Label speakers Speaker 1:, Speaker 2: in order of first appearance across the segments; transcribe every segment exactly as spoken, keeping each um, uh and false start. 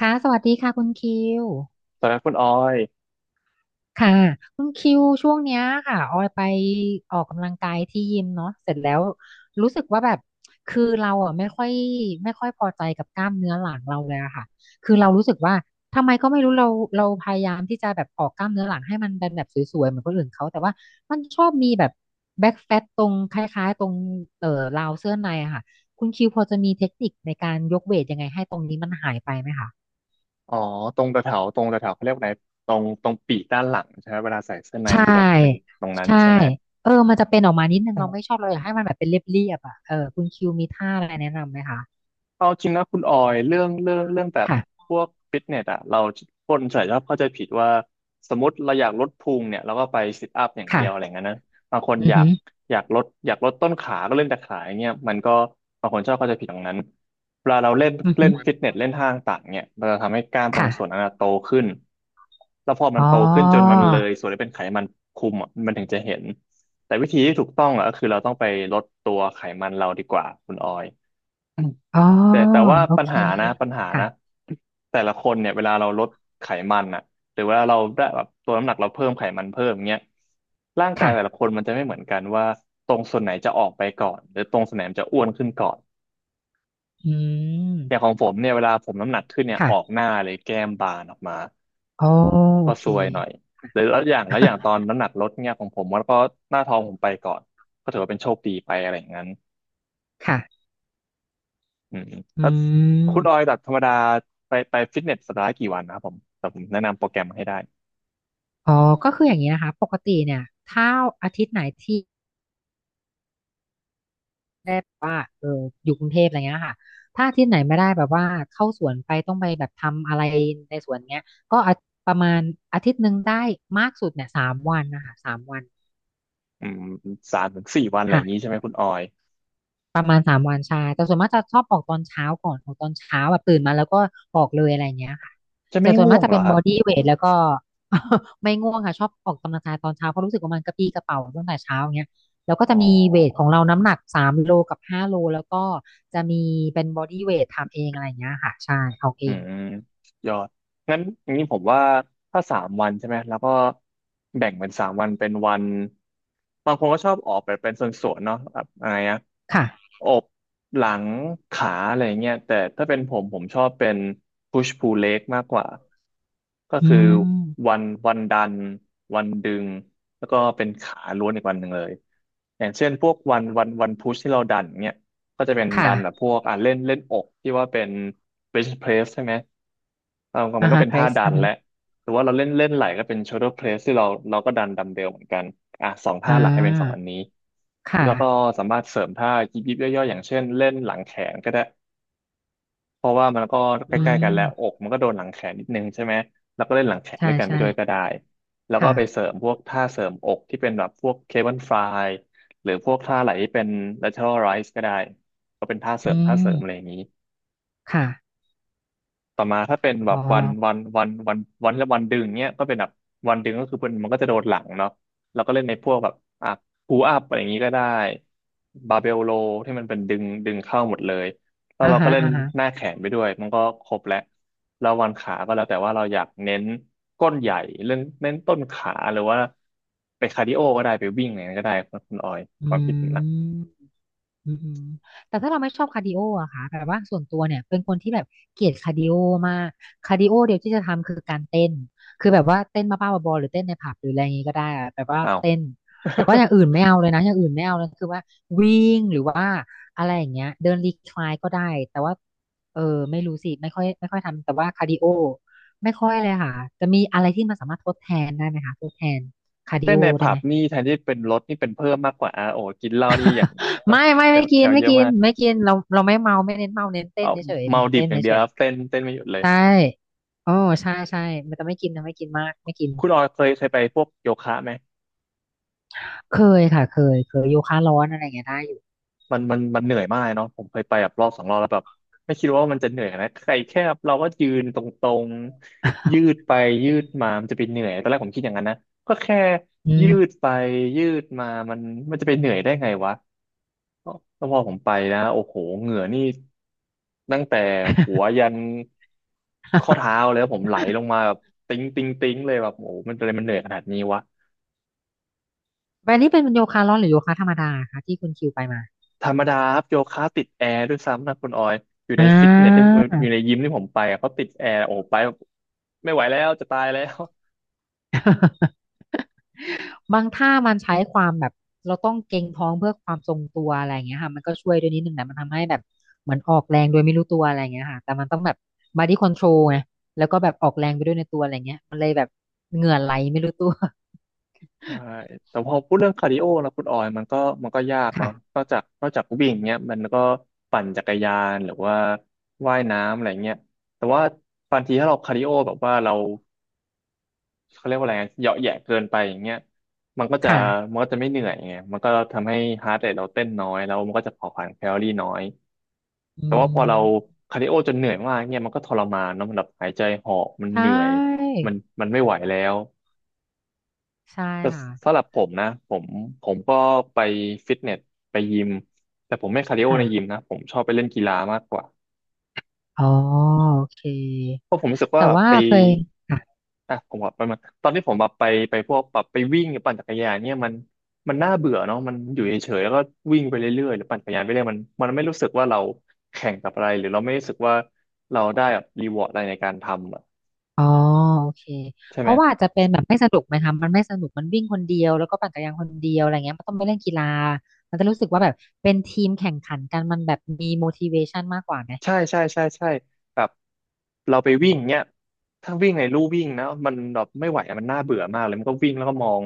Speaker 1: ค่ะสวัสดีค่ะคุณคิว
Speaker 2: ตอนนั้นคุณออย
Speaker 1: ค่ะคุณคิวช่วงเนี้ยค่ะออยไปออกกำลังกายที่ยิมเนาะเสร็จแล้วรู้สึกว่าแบบคือเราอ่ะไม่ค่อยไม่ค่อยพอใจกับกล้ามเนื้อหลังเราเลยอะค่ะคือเรารู้สึกว่าทำไมก็ไม่รู้เราเราพยายามที่จะแบบออกกล้ามเนื้อหลังให้มันเป็นแบบสวยๆเหมือนคนอื่นเขาแต่ว่ามันชอบมีแบบแบ็กแฟตตรงคล้ายๆตรงเอ่อราวเสื้อในอะค่ะคุณคิวพอจะมีเทคนิคในการยกเวทยังไงให้ตรงนี้มันหายไปไหมคะ
Speaker 2: อ๋อ ตรงตะเถาตรงตะเถาเขาเรียกว่าไหน ตรงตรงปีกด้านหลังใช่ไหม เวลาใส่เสื้อใน
Speaker 1: ใช่
Speaker 2: มันจะแบบเป็นตรงนั้น
Speaker 1: ใช่
Speaker 2: ใช่ไหม
Speaker 1: เออมันจะเป็นออกมานิดนึงเราไม่ชอบเราอยากให้มันแบบเป็นเรียบๆอ่ะเออคุณคิวมีท่าอะไรแนะนำไหมคะ
Speaker 2: เอาจริงนะคุณออยเรื่องเรื่องเรื่องแบบ
Speaker 1: ค่ะ
Speaker 2: พวกฟิตเนสอะเราคนส่วนใหญ่ชอบเข้าใจผิดว่าสมมติเราอยากลดพุงเนี่ยเราก็ไปซิทอัพอย่างเดี
Speaker 1: ค่ะ
Speaker 2: ยวอะไรเงี้ยนะบางคน
Speaker 1: อื
Speaker 2: อ
Speaker 1: อ
Speaker 2: ยา
Speaker 1: หื
Speaker 2: ก
Speaker 1: อ
Speaker 2: อยากลดอยากลดต้นขาก็เล่นแต่ขาอย่างเงี้ยมันก็บางคนชอบเข้าใจผิดตรงนั้นเวลาเราเล่น
Speaker 1: อือ
Speaker 2: เล่
Speaker 1: หือ
Speaker 2: นฟิตเนสเล่นท่าต่างๆเนี่ยมันจะทำให้กล้ามตรง
Speaker 1: ค่ะ
Speaker 2: ส่วนนั้นอะโตขึ้นแล้วพอมัน
Speaker 1: อ๋อ
Speaker 2: โตขึ้นจนมันเลยส่วนที่เป็นไขมันคุมอะมันถึงจะเห็นแต่วิธีที่ถูกต้องอะก็คือเราต้องไปลดตัวไขมันเราดีกว่าคุณออย
Speaker 1: อ๋อ
Speaker 2: แต่แต่ว่า
Speaker 1: โอ
Speaker 2: ปัญ
Speaker 1: เค
Speaker 2: หานะปัญหา
Speaker 1: ค่ะ
Speaker 2: นะแต่ละคนเนี่ยเวลาเราลดไขมันอ่ะหรือเวลาเราได้แบบตัวน้ำหนักเราเพิ่มไขมันเพิ่มเงี้ยร่างกาย
Speaker 1: ค่ะ
Speaker 2: แต่ละคนมันจะไม่เหมือนกันว่าตรงส่วนไหนจะออกไปก่อนหรือตรงส่วนไหนมันจะอ้วนขึ้นก่อน
Speaker 1: อืม
Speaker 2: อย่างของผมเนี่ยเวลาผมน้ำหนักขึ้นเนี่ยออก
Speaker 1: ค่ะ
Speaker 2: หน้าเลยแก้มบานออกมา
Speaker 1: อ๋อโอ
Speaker 2: ก็
Speaker 1: เค
Speaker 2: ซวยหน่อยหรือแล้วอย่างแล้วอย่างตอน น้ำหนักลดเนี่ยของผมมันก็หน้าท้องผมไปก่อนก็ถือว่าเป็นโชคดีไปอะไรอย่างนั้น
Speaker 1: ค่ะ
Speaker 2: อืมแล้
Speaker 1: อื
Speaker 2: วคุณออย
Speaker 1: ม
Speaker 2: จากธรรมดาไปไปฟิตเนสสัปดาห์ละกี่วันนะครับผมแต่ผมแนะนำโปรแกรมมาให้ได้
Speaker 1: อ๋อก็คืออย่างนี้นะคะปกติเนี่ยถ้าอาทิตย์ไหนที่ ได้แบบว่าเอออยู่กรุงเทพอะไรเงี้ยค่ะถ้าอาที่ไหนไม่ได้แบบว่าเข้าสวนไปต้องไปแบบทำอะไรในสวนเงี้ย ก็อาประมาณอาทิตย์หนึ่งได้มากสุดเนี่ยสามวันนะคะสามวัน
Speaker 2: อืมสามถึงสี่วันอะไรอย่างนี้
Speaker 1: ค่ะ
Speaker 2: ใช่ไหมคุณออย
Speaker 1: ประมาณสามวันใช่แต่ส่วนมากจะชอบออกตอนเช้าก่อนออกตอนเช้าแบบตื่นมาแล้วก็ออกเลยอะไรเงี้ยค่ะ
Speaker 2: จะไม่
Speaker 1: แต่ส่วน
Speaker 2: ง่
Speaker 1: มา
Speaker 2: ว
Speaker 1: ก
Speaker 2: ง
Speaker 1: จะ
Speaker 2: เหร
Speaker 1: เป็
Speaker 2: อ
Speaker 1: น
Speaker 2: ค
Speaker 1: บ
Speaker 2: รั
Speaker 1: อ
Speaker 2: บ
Speaker 1: ดี้เวทแล้วก็ ไม่ง่วงค่ะชอบออกกำลังกายตอนเช้าเพราะรู้สึกว่ามันกระปรี้กระเป๋าตั้งแต่เช้าอย่างเงี้ยแล้วก็
Speaker 2: อ๋
Speaker 1: จะ
Speaker 2: อ
Speaker 1: มีเวทของเราน้ำหนักสามโลกับห้าโลแล้วก็จะมีเป็นบอดี้เวททำเองอะไรเงี้ยค่ะใช่ออกเอ
Speaker 2: อื
Speaker 1: ง
Speaker 2: มยอดงั้นอย่างนี้ผมว่าถ้าสามวันใช่ไหมแล้วก็แบ่งเป็นสามวันเป็นวันบางคนก็ชอบออกไปเป็นส่วนๆเนาะแบบอะไรนะ
Speaker 1: ค่ะ
Speaker 2: อกหลังขาอะไรเงี้ยแต่ถ้าเป็นผมผมชอบเป็น push pull leg มากกว่าก็
Speaker 1: อื
Speaker 2: คือ
Speaker 1: ม
Speaker 2: วันวันดันวันดึงแล้วก็เป็นขาล้วนอีกวันหนึ่งเลยอย่างเช่นพวกวันวันวันพุชที่เราดันเงี้ยก็จะเป็นดันแบบ
Speaker 1: ค่ะ
Speaker 2: พวกอ่ะเล่นเล่นอกที่ว่าเป็น bench press ใช่ไหมเออมั
Speaker 1: อ่า
Speaker 2: นก็
Speaker 1: ฮะ
Speaker 2: เป็น
Speaker 1: เพร
Speaker 2: ท่า
Speaker 1: ส
Speaker 2: ดั
Speaker 1: อื
Speaker 2: น
Speaker 1: อฮึ
Speaker 2: แหละ หรือว่าเราเล่นเล่นไหลก็เป็น shoulder press ที่เราเราก็ดันดัมเบลเหมือนกันอ่ะสอง
Speaker 1: อ่
Speaker 2: ท่าหลักให้เป็นสองอั
Speaker 1: า
Speaker 2: นนี้
Speaker 1: ค
Speaker 2: แล้วก็
Speaker 1: ่ะ
Speaker 2: สามารถเสริมท่ายิบยิบย่อยๆอย่างเช่นเล่นหลังแขนก็ได้เพราะว่ามันก็ใก
Speaker 1: อื
Speaker 2: ล้ๆกัน
Speaker 1: ม
Speaker 2: แล้วอกมันก็โดนหลังแขนนิดนึงใช่ไหมแล้วก็เล่นหลังแขน
Speaker 1: ใช่
Speaker 2: ด้วยกันไป
Speaker 1: ใช่
Speaker 2: ด้วยก็ได้แล้วก็ไปเส
Speaker 1: ค่ะ
Speaker 2: ริมพวกท่าเสริมอกที่เป็นแบบพวกเคเบิลฟลายหรือพวกท่าไหลที่เป็น lateral rise ก็ได้ก็เป็นท่าเสริ
Speaker 1: อื
Speaker 2: มท่า
Speaker 1: ม
Speaker 2: เสริมอะไรอย่างนี้
Speaker 1: ค่ะ
Speaker 2: ต่อมาถ้าเป็นแบ
Speaker 1: อ๋อ
Speaker 2: บวันวันวันวันวันและวันดึงเนี้ยก็เป็นแบบวันดึงก็คือมันมันก็จะโดนหลังเนาะแล้วก็เล่นในพวกแบบอ่ะพูอัพอะไรอย่างนี้ก็ได้บาเบลโลที่มันเป็นดึงดึงเข้าหมดเลยแล้ว
Speaker 1: อ่า
Speaker 2: เราก็
Speaker 1: ฮะ
Speaker 2: เล่น
Speaker 1: อ่าฮะ
Speaker 2: หน้าแขนไปด้วยมันก็ครบแล้วแล้ววันขาก็แล้วแต่ว่าเราอยากเน้นก้นใหญ่เล่นเน้นต้นขาหรือว่าไปคาร์ดิโอก็ได้ไปวิ่งอะไรก็ได้คุณคุณออย
Speaker 1: อื
Speaker 2: ความคิดผมนะ
Speaker 1: มอืมอืมแต่ถ้าเราไม่ชอบคาร์ดิโออะค่ะแบบว่าส่วนตัวเนี่ยเป็นคนที่แบบเกลียดคาร์ดิโอมากคาร์ดิโอเดียวที่จะทำคือการเต้นคือแบบว่าเต้นบ้าๆบอๆหรือเต้นในผับหรืออะไรอย่างงี้ก็ได้อะแบบว่า
Speaker 2: อ้าว
Speaker 1: เต้นแต่ว่าอย่างอื่นไม่เอาเลยนะอย่างอื่นไม่เอาเลยคือว่าวิ่งหรือว่าอะไรอย่างเงี้ยเดินรีคลายก็ได้แต่ว่าเออไม่รู้สิไม่ค่อยไม่ค่อยทำแต่ว่าคาร์ดิโอไม่ค่อยเลยค่ะจะมีอะไรที่มันสามารถทดแทนได้ไหมคะทดแทนคาร์ดิ
Speaker 2: เต้
Speaker 1: โอ
Speaker 2: นใน
Speaker 1: ได้
Speaker 2: ผั
Speaker 1: ไหม
Speaker 2: บนี่แทนที่เป็นลดนี่เป็นเพิ่มมากกว่าอ่ะโอ้กินเหล้านี่อย่าง
Speaker 1: ไม่
Speaker 2: น้ำ
Speaker 1: ไม่
Speaker 2: แคล
Speaker 1: ไม่
Speaker 2: แค
Speaker 1: กิน
Speaker 2: ล
Speaker 1: ไม่
Speaker 2: เยอะ
Speaker 1: กิน
Speaker 2: มาก
Speaker 1: ไม่กินเราเราไม่เมาไม่เน้นเมาเน้นเต้น
Speaker 2: เอา
Speaker 1: เฉยๆ
Speaker 2: เมา
Speaker 1: เน้น
Speaker 2: ดิ
Speaker 1: เต้
Speaker 2: บ
Speaker 1: น
Speaker 2: อย่างเดีย
Speaker 1: เฉ
Speaker 2: วค
Speaker 1: ย
Speaker 2: รับเต้นเต้นไม่หยุดเล
Speaker 1: ๆ
Speaker 2: ย
Speaker 1: ใช่โอ้ใช่ใช่มันจะไม่กินนะไม่กินมากไม่กิน
Speaker 2: คุณออยเคยเคยไปพวกโยคะไหม
Speaker 1: เคยค่ะเคยเคยโยคะร้อนอะไรอย่างเงี้ยได้อยู่
Speaker 2: มันมันมันเหนื่อยมากเลยเนาะผมเคยไปแบบรอบสองรอบแล้วแบบไม่คิดว่ามันจะเหนื่อยนะใครแค่เราก็ยืนตรงๆยืด ไปยืดมามันจะไปเหนื่อยตอนแรกผมคิดอย่างนั้นนะก็แค่
Speaker 1: อื
Speaker 2: ยื
Speaker 1: ม
Speaker 2: ดไปยืดมามันมันจะไปเหนื่อยได้ไงวะ แล้วพอผมไปนะโอ้โหเหงื่อนี่ตั้งแต่หัวยันข้อ เท้าเลยครับผมไหลลงมาแบบติ๊งติ๊งติ๊งเลยแบบโอ้โหมันเป็นอะไรมันเหนื่อยขนาดนี้วะ
Speaker 1: แบบนี้เป็นโยคะร้อนหรือโยคะธรรมดาคะที่คุณคิวไปมา
Speaker 2: ธรรมดาครับโยคะติดแอร์ด้วยซ้ำนะคุณออยอยู่
Speaker 1: อ่
Speaker 2: ในฟิตเนสที่
Speaker 1: า
Speaker 2: อยู่ในยิมที่ผมไปอะเขาติดแอร์โอ้โหไปแบบไม่ไหวแล้วจะตายแล้ว
Speaker 1: บางท่ามันใช้ความแบบเราต้องเกร็งท้องเพื่อความทรงตัวอะไรอย่างเงี้ยค่ะมันก็ช่วยด้วยนิดนึงนะมันทำให้แบบเหมือนออกแรงโดยไม่รู้ตัวอะไรอย่างเงี้ยค่ะแต่มันต้องแบบ body control ไงแล้วก็แบบออกแรงไปด้วยในตัวอะไรเงี้ยมันเลยแบบเหงื่อไหลไม่รู้ตัว
Speaker 2: ใช่ แต่พอพูดเรื่องคาร์ดิโอนะคุณออยมันก็มันก็ยาก เนาะ
Speaker 1: ค่ะ
Speaker 2: นอกจากนอกจากวิ่งเนี้ยมันก็ปั่นจักรยานหรือว่าว่ายน้ำอะไรเงี้ยแต่ว่าบางทีถ้าเราคาร์ดิโอแบบว่าเราเขาเรียกว่าอะไรนะเหยาะแหยะเกินไปอย่างเงี้ยมันก็จะ
Speaker 1: ค่ะ
Speaker 2: มันก็จะไม่เหนื่อยไงมันก็ทำให้ฮาร์ทเรทเราเต้นน้อยแล้วมันก็จะเผาผลาญแคลอรี่น้อย
Speaker 1: อื
Speaker 2: แต่ว่าพอเรา
Speaker 1: ม
Speaker 2: คาร์ดิโอจนเหนื่อยมากเงี้ยมันก็ทรมานเนาะมันแบบหายใจหอบมัน
Speaker 1: ใช
Speaker 2: เหนื่อย
Speaker 1: ่
Speaker 2: มันมันไม่ไหวแล้ว
Speaker 1: ใช่ค่ะ
Speaker 2: สำหรับผมนะผมผมก็ไปฟิตเนสไปยิมแต่ผมไม่คาร์ดิโอ
Speaker 1: ค่ะ
Speaker 2: ในยิมนะผมชอบไปเล่นกีฬามากกว่า
Speaker 1: อ๋อโอเค
Speaker 2: เพราะผมรู้สึก
Speaker 1: แต่
Speaker 2: ว่า
Speaker 1: ว่า
Speaker 2: ไป
Speaker 1: เคย
Speaker 2: อ่ะผมบอกไปมาตอนที่ผมแบบไปไปพวกแบบไปวิ่งหรือปั่นจักรยานเนี่ยมันมันน่าเบื่อเนาะมันอยู่เฉยๆแล้วก็วิ่งไปเรื่อยๆหรือปั่นจักรยานไปเรื่อยมันมันไม่รู้สึกว่าเราแข่งกับอะไรหรือเราไม่รู้สึกว่าเราได้แบบรีวอร์ดอะไรในการทำอะ
Speaker 1: อ๋อโอเค
Speaker 2: ใช่
Speaker 1: เพ
Speaker 2: ไหม
Speaker 1: ราะว่าอาจจะเป็นแบบไม่สนุกไหมคะมันไม่สนุกมันวิ่งคนเดียวแล้วก็ปั่นจักรยานคนเดียวอะไรเงี้ยมันต้องไปเล่นกีฬามันจะรู้สึกว่าแบบเป็นทีมแข่งขันกันมันแบบมี motivation มากกว่าไหม
Speaker 2: ใช่ใช่ใช่ใช่แบบเราไปวิ่งเนี้ยถ้าวิ่งในลู่วิ่งนะมันแบบไม่ไหวอะมันน่าเบื่อมากเลยมันก็วิ่งแล้วก็มอง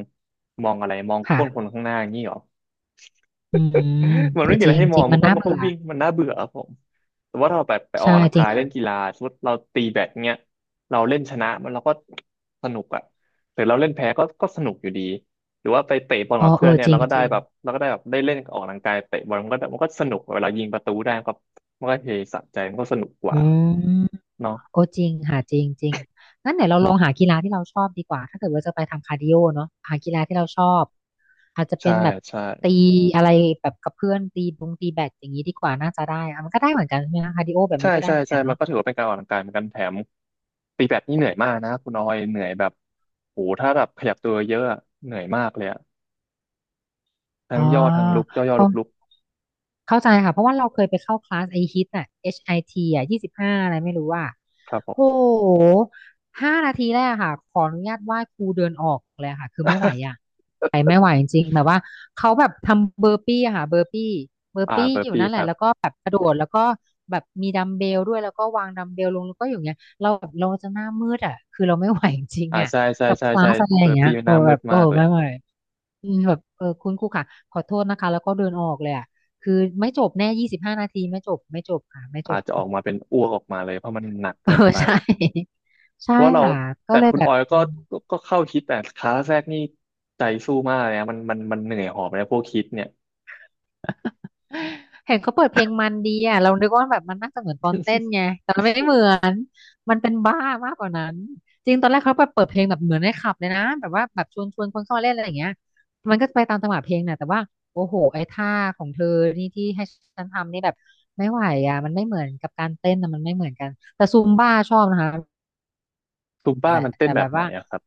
Speaker 2: มองอะไรมองก้นคน
Speaker 1: ค่ะ
Speaker 2: ข้างหน้าอย่างนี้เหรอ
Speaker 1: อืม
Speaker 2: มั
Speaker 1: เอ
Speaker 2: นไม่
Speaker 1: อ
Speaker 2: มี
Speaker 1: จ
Speaker 2: อะไร
Speaker 1: ริง
Speaker 2: ให้ม
Speaker 1: จ
Speaker 2: อ
Speaker 1: ริ
Speaker 2: ง
Speaker 1: ง
Speaker 2: มั
Speaker 1: มั
Speaker 2: น
Speaker 1: น
Speaker 2: ก็
Speaker 1: น่า
Speaker 2: มันก็
Speaker 1: เบื่อ
Speaker 2: วิ่งมันน่าเบื่อครับผมแต่ว่าถ้าเราแบบไปออก
Speaker 1: ใช่
Speaker 2: กำลัง
Speaker 1: จริ
Speaker 2: กา
Speaker 1: ง
Speaker 2: ยเล่
Speaker 1: ค่ะ
Speaker 2: นกีฬาสมมติเราตีแบดเนี้ยเราเล่นชนะมันเราก็สนุกอะหรือเราเล่นแพ้ก็ก็สนุกอยู่ดีหรือว่าไปเตะบอล
Speaker 1: อ๋อ
Speaker 2: กับ
Speaker 1: เอ
Speaker 2: เพื่อน
Speaker 1: อ
Speaker 2: เนี่ย
Speaker 1: จริ
Speaker 2: เรา
Speaker 1: ง
Speaker 2: ก็
Speaker 1: จ
Speaker 2: ได้
Speaker 1: ริง
Speaker 2: แบบเราก็ได้แบบได้เล่นออกกำลังกายเตะบอลมันก็มันก็สนุกเวลายิงประตูได้ก็มันก็เฮสะใจมันก็สนุกกว่า
Speaker 1: อืม
Speaker 2: เนาะ
Speaker 1: โอ้จริงหาจริงจริงงั้นไหนวเราลองหากีฬาที่เราชอบดีกว่าถ้าเกิดว่าจะไปทำคาร์ดิโอเนาะหากีฬาที่เราชอบอาจจะเป็
Speaker 2: ใช่
Speaker 1: นแบบ
Speaker 2: ใช่
Speaker 1: ตีอะไรแบบกับเพื่อนตีบงตีแบดอย่างนี้ดีกว่าน่าจะได้อะมันก็ได้เหมือนกันใช่ไหมคะคาร์ดิโอแบบ
Speaker 2: ใช่
Speaker 1: นี้ก็ได้
Speaker 2: ใช่
Speaker 1: เหมือนกั
Speaker 2: ใช่
Speaker 1: น
Speaker 2: มัน
Speaker 1: เนาะ
Speaker 2: ก็ถือว่าเป็นการออกกำลังกายเหมือนกันแถมตีแบดนี่เหนื่อยมากนะคุณออยเหนื่อยแบบโหถ้าแบบขยับตัวเยอะอะเหนื่อยมากเลยอะทั้
Speaker 1: อ๋อ
Speaker 2: งย่อทั้งลุกย่อย่อ
Speaker 1: เข้า
Speaker 2: ลุกลุก
Speaker 1: เข้าใจค่ะเพราะว่าเราเคยไปเข้าคลาสไอฮิตอะ เอช ไอ ที อชไอทีอะยี่สิบห้าอะไรไม่รู้ว่า
Speaker 2: ครับผม
Speaker 1: โ้โหห้านาทีแรกอะค่ะขออนุญาตไหว้ครูเดินออกเลยอะค่ะคือไม่ไหวอะ ไม่ไหวจริงๆแบบว่าเขาแบบทำเบอร์ปี้อะค่ะเบอร์ปี้เบอ ร์
Speaker 2: อ่า
Speaker 1: ปี้
Speaker 2: เบอ
Speaker 1: อ
Speaker 2: ร์
Speaker 1: ยู่
Speaker 2: ปี้
Speaker 1: นั่นแห
Speaker 2: ค
Speaker 1: ละ
Speaker 2: รั
Speaker 1: แล้ว
Speaker 2: บ
Speaker 1: ก็แบบกระโดดแล้วก็แบบมีดัมเบลด้วยแล้วก็วางดัมเบลลงแล้วก็อยู่อย่างเงี้ยเราแบบเราจะหน้ามืดอ่ะคือเราไม่ไหวจริง
Speaker 2: อ่า
Speaker 1: ๆอ่ะ
Speaker 2: ใช่ใช่
Speaker 1: กับค
Speaker 2: ใช่
Speaker 1: ลา
Speaker 2: ใช่
Speaker 1: สอะไรอ
Speaker 2: เบอ
Speaker 1: ย่าง
Speaker 2: ร์
Speaker 1: เงี้ย
Speaker 2: ปี้มันห
Speaker 1: เออ
Speaker 2: น้ามื
Speaker 1: แบบ
Speaker 2: ด
Speaker 1: โอ้
Speaker 2: มากเลย
Speaker 1: ไม่ไหวอืมแบบเออคุณครูค่ะขอโทษนะคะแล้วก็เดินออกเลยอ่ะคือไม่จบแน่ยี่สิบห้านาทีไม่จบไม่จบค่ะไม่จ
Speaker 2: อา
Speaker 1: บ
Speaker 2: จจะอ อกมาเป็นอ้วกออกมาเลยเพราะมันหนัก
Speaker 1: เออ
Speaker 2: เกินไป
Speaker 1: ใช่ ใช่
Speaker 2: เพราะว่าเรา
Speaker 1: ค่ะก็
Speaker 2: แต่
Speaker 1: เลย
Speaker 2: คุณ
Speaker 1: แบ
Speaker 2: อ
Speaker 1: บ
Speaker 2: อยก็ก็ก็เข้าคิดแต่ขาแรกนี่ใจสู้มากเลยนะมันมันมันเหนื่อยหอบเลยพวกคิดเนี่ย
Speaker 1: เห็นเขาเปิดเพลงมันดีอ่ะเรานึกว่าแบบมันน่าจะเหมือนตอนเต้นไงแต่มันไม่เหมือนมันเป็นบ้ามากกว่านั้นจริงตอนแรกเขาไปเปิดเพลงแบบเหมือนในคลับเลยนะแบบว่าแบบชวนชวนคนเข้ามาเล่นอะไรอย่างเงี้ยมันก็จะไปตามจังหวะเพลงน่ะแต่ว่าโอ้โหไอ้ท่าของเธอนี่ที่ให้ฉันทำนี่แบบไม่ไหวอ่ะมันไม่เหมือนกับการเต้นนะมันไม่เหมือนกันแต่ซูมบ้าชอบนะคะ
Speaker 2: ซุมบ้า
Speaker 1: แต่
Speaker 2: มันเต้น
Speaker 1: แต่
Speaker 2: แบ
Speaker 1: แบ
Speaker 2: บ
Speaker 1: บ
Speaker 2: ไหน
Speaker 1: ว่า
Speaker 2: อะครับ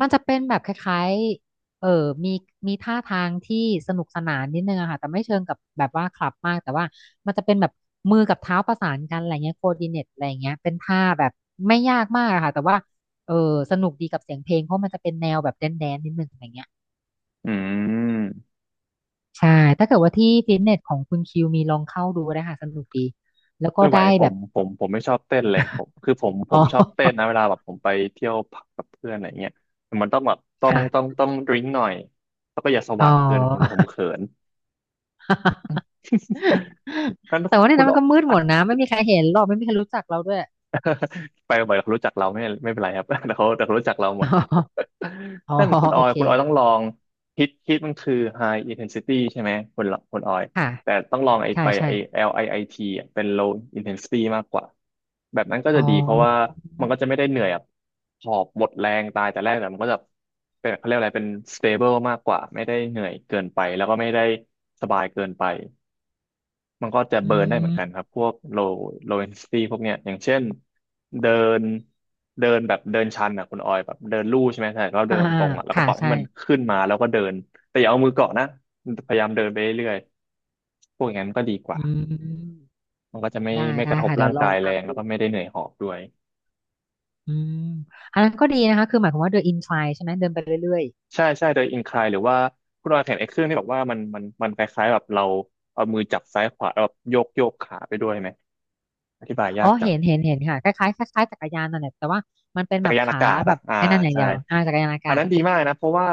Speaker 1: มันจะเป็นแบบคล้ายๆเออมีมีท่าทางที่สนุกสนานนิดนึงอะค่ะแต่ไม่เชิงกับแบบว่าคลับมากแต่ว่ามันจะเป็นแบบมือกับเท้าประสานกันอะไรเงี้ยโคดิเนตอะไรเงี้ยเป็นท่าแบบไม่ยากมากอะค่ะแต่ว่าเออสนุกดีกับเสียงเพลงเพราะมันจะเป็นแนวแบบแดนแดนนิดนึงอะไรเงี้ย
Speaker 2: อืม
Speaker 1: ใช่ถ้าเกิดว่าที่ฟิตเนสของคุณคิวมีลองเข้าดูได้ค่ะสนุกดีแล้วก็
Speaker 2: ไม่ไหว
Speaker 1: ได้
Speaker 2: ผ
Speaker 1: แบ
Speaker 2: ม
Speaker 1: บ
Speaker 2: ผมผมไม่ชอบเต้นเลยผมคือผม ผ
Speaker 1: อ๋อ
Speaker 2: มชอบเต้นนะเวลาแบบผมไปเที่ยวผับกับเพื่อนอะไรเงี้ยแต่มันต้องแบบต้องต้อง
Speaker 1: ค่ะ
Speaker 2: ต้องดริงหน่อยแล้วก็อย่าส
Speaker 1: อ๋อ
Speaker 2: ว่างเกินผมผมเขิน งั้น
Speaker 1: แต่ว่าใน
Speaker 2: คุ
Speaker 1: นั้
Speaker 2: ณ
Speaker 1: นมันก็มืดหมดนะไม่มีใครเห็นหรอกไม่มีใครรู้จักเราด้วย
Speaker 2: ไปบ่อยเขารู้จักเราไม่ไม่เป็นไรครับ แต่เขาแต่เขารู้จักเราหมด
Speaker 1: อ๋อ
Speaker 2: นั่น
Speaker 1: อ๋อ
Speaker 2: คุณอ
Speaker 1: โอ
Speaker 2: อย
Speaker 1: เค
Speaker 2: คุณออยต้องลองฮิตฮิตมันคือ high intensity ใช่ไหมคุณคุณออย
Speaker 1: ค่ะ
Speaker 2: แต่ต้องลองไอ้
Speaker 1: ใช่
Speaker 2: ไป
Speaker 1: ใช่
Speaker 2: ไอ้ แอล ไอ ไอ ที อลไอไอทีอะเป็น low intensity มากกว่าแบบนั้นก็
Speaker 1: อ๋
Speaker 2: จะ
Speaker 1: อ
Speaker 2: ดีเพราะว่ามันก็จะไม่ได้เหนื่อยแบบหอบหมดแรงตายแต่แรกแต่มันก็จะเป็นเขาเรียกอะไรเป็น stable มากกว่าไม่ได้เหนื่อยเกินไปแล้วก็ไม่ได้สบายเกินไป มันก็จะ
Speaker 1: อื
Speaker 2: เบิร์นได้เหมือนกัน
Speaker 1: ม
Speaker 2: ครับพวก low low intensity พวกเนี้ยอย่างเช่นเดินเดินแบบเดินชันอ่ะคุณออยแบบเดินลู่ใช่ไหมใช่เราเดิ
Speaker 1: อ่า
Speaker 2: นตรงๆอ่ะแล้วก็
Speaker 1: ค่ะ
Speaker 2: ปล่อยให้
Speaker 1: ใช่
Speaker 2: มันขึ้นมาแล้วก็เดินแต่อย่าเอามือเกาะนะพยายามเดินไปเรื่อยๆพวกอย่างนั้นก็ดีก
Speaker 1: อื
Speaker 2: ว่า
Speaker 1: ม
Speaker 2: มันก็จะไม่
Speaker 1: ได้
Speaker 2: ไม่ก
Speaker 1: ได้
Speaker 2: ระทบ
Speaker 1: ค่ะ เดี๋ย
Speaker 2: ร่า
Speaker 1: ว
Speaker 2: ง
Speaker 1: ลอ
Speaker 2: กา
Speaker 1: ง
Speaker 2: ยแรง
Speaker 1: ทำ
Speaker 2: แล้
Speaker 1: ดู
Speaker 2: วก็ไม่ได้เหนื่อยหอบด้วย
Speaker 1: อืมอันนั้นก็ดีนะคะ คือหมายความว่าเดินอินไ i ใช่ไหม เดินไปเรื่อย
Speaker 2: ใช่ใช่โดยอินคลายหรือว่าคุณออยเห็นไอ้เครื่องที่บอกว่ามันมันมันคล้ายๆแบบเราเอามือจับซ้ายขวาแล้วแบบโยกโยกขาไปด้วยไหมอธิบาย
Speaker 1: ๆ อ๋
Speaker 2: ยา
Speaker 1: อ
Speaker 2: กจัง
Speaker 1: เห็น เห็นเห็นค่ะ คล้ายๆคล้ายๆจักรยานนั่นแหละแต่ว่ามันเป็น
Speaker 2: จั
Speaker 1: แบ
Speaker 2: กร
Speaker 1: บ
Speaker 2: ยานอา
Speaker 1: ขา
Speaker 2: กาศ
Speaker 1: แบ
Speaker 2: อ่ะ
Speaker 1: บ
Speaker 2: อ่า
Speaker 1: ไอ้นั่นอย่าง
Speaker 2: ใช่
Speaker 1: เดียวอ่าจักรยานอา
Speaker 2: อัน
Speaker 1: กาศ
Speaker 2: นั้นดีมากนะเพราะว่า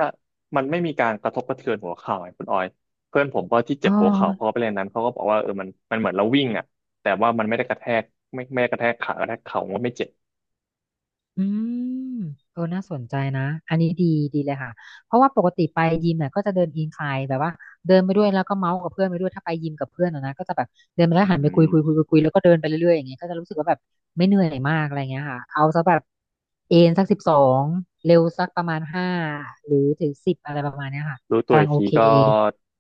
Speaker 2: มันไม่มีการกระทบกระเทือนหัวเข่าไงคุณออยเพื่อนผมก็ที่เจ็
Speaker 1: อ๋
Speaker 2: บหัวเข่าเขา
Speaker 1: อ
Speaker 2: ก็ไปเล่นนั้นเขาก็บอกว่าเออมันมันเหมือนเราวิ่งอ่ะแต่ว่ามันไม่ได้กระแทกไม่ไม่ได้กระแทกขากระแทกเข่ามันไม่เจ็บ
Speaker 1: อืมเออน่าสนใจนะอันนี้ดีดีเลยค่ะเพราะว่าปกติไปยิมเนี่ยก็จะเดินอินคลายแบบว่าเดินไปด้วยแล้วก็เมาส์กับเพื่อนไปด้วยถ้าไปยิมกับเพื่อนอะนะก็จะแบบเดินไปแล้
Speaker 2: อื
Speaker 1: วหันไปคุยคุยคุย
Speaker 2: ม
Speaker 1: คุยคุยแล้วก็เดินไปเรื่อยๆอย่างเงี้ยก็จะรู้สึกว่าแบบไม่เหนื่อยมากอะไรเงี้ยค่ะเอาซะแบบเอนสักสิบสองเร็วสักประมาณห้าหรือถึงสิบอะไรประมาณเนี้ยค่ะ
Speaker 2: รู้ตัว
Speaker 1: กำลั
Speaker 2: อี
Speaker 1: ง
Speaker 2: ก
Speaker 1: โอ
Speaker 2: ที
Speaker 1: เค
Speaker 2: ก็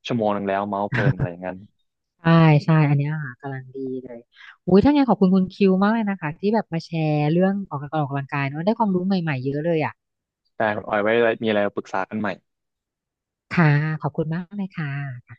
Speaker 2: ชั่วโมงหนึงแล้วเมาส์เพลินอะไร อย่างนั้น
Speaker 1: ใช่ใช่อันเนี้ยค่ะกำลังดีเลยอุ้ยถ้าไงนขอบคุณคุณคิวมากเลยนะคะที่แบบมาแชร์เรื่องออกกำลังกายเนอะได้ความรู้ใหม่ๆเยอะเลยอ่ะ
Speaker 2: แต่คุณออยไว้มีอะไรปรึกษากันใหม่
Speaker 1: ค่ะขอบคุณมากเลยค่ะ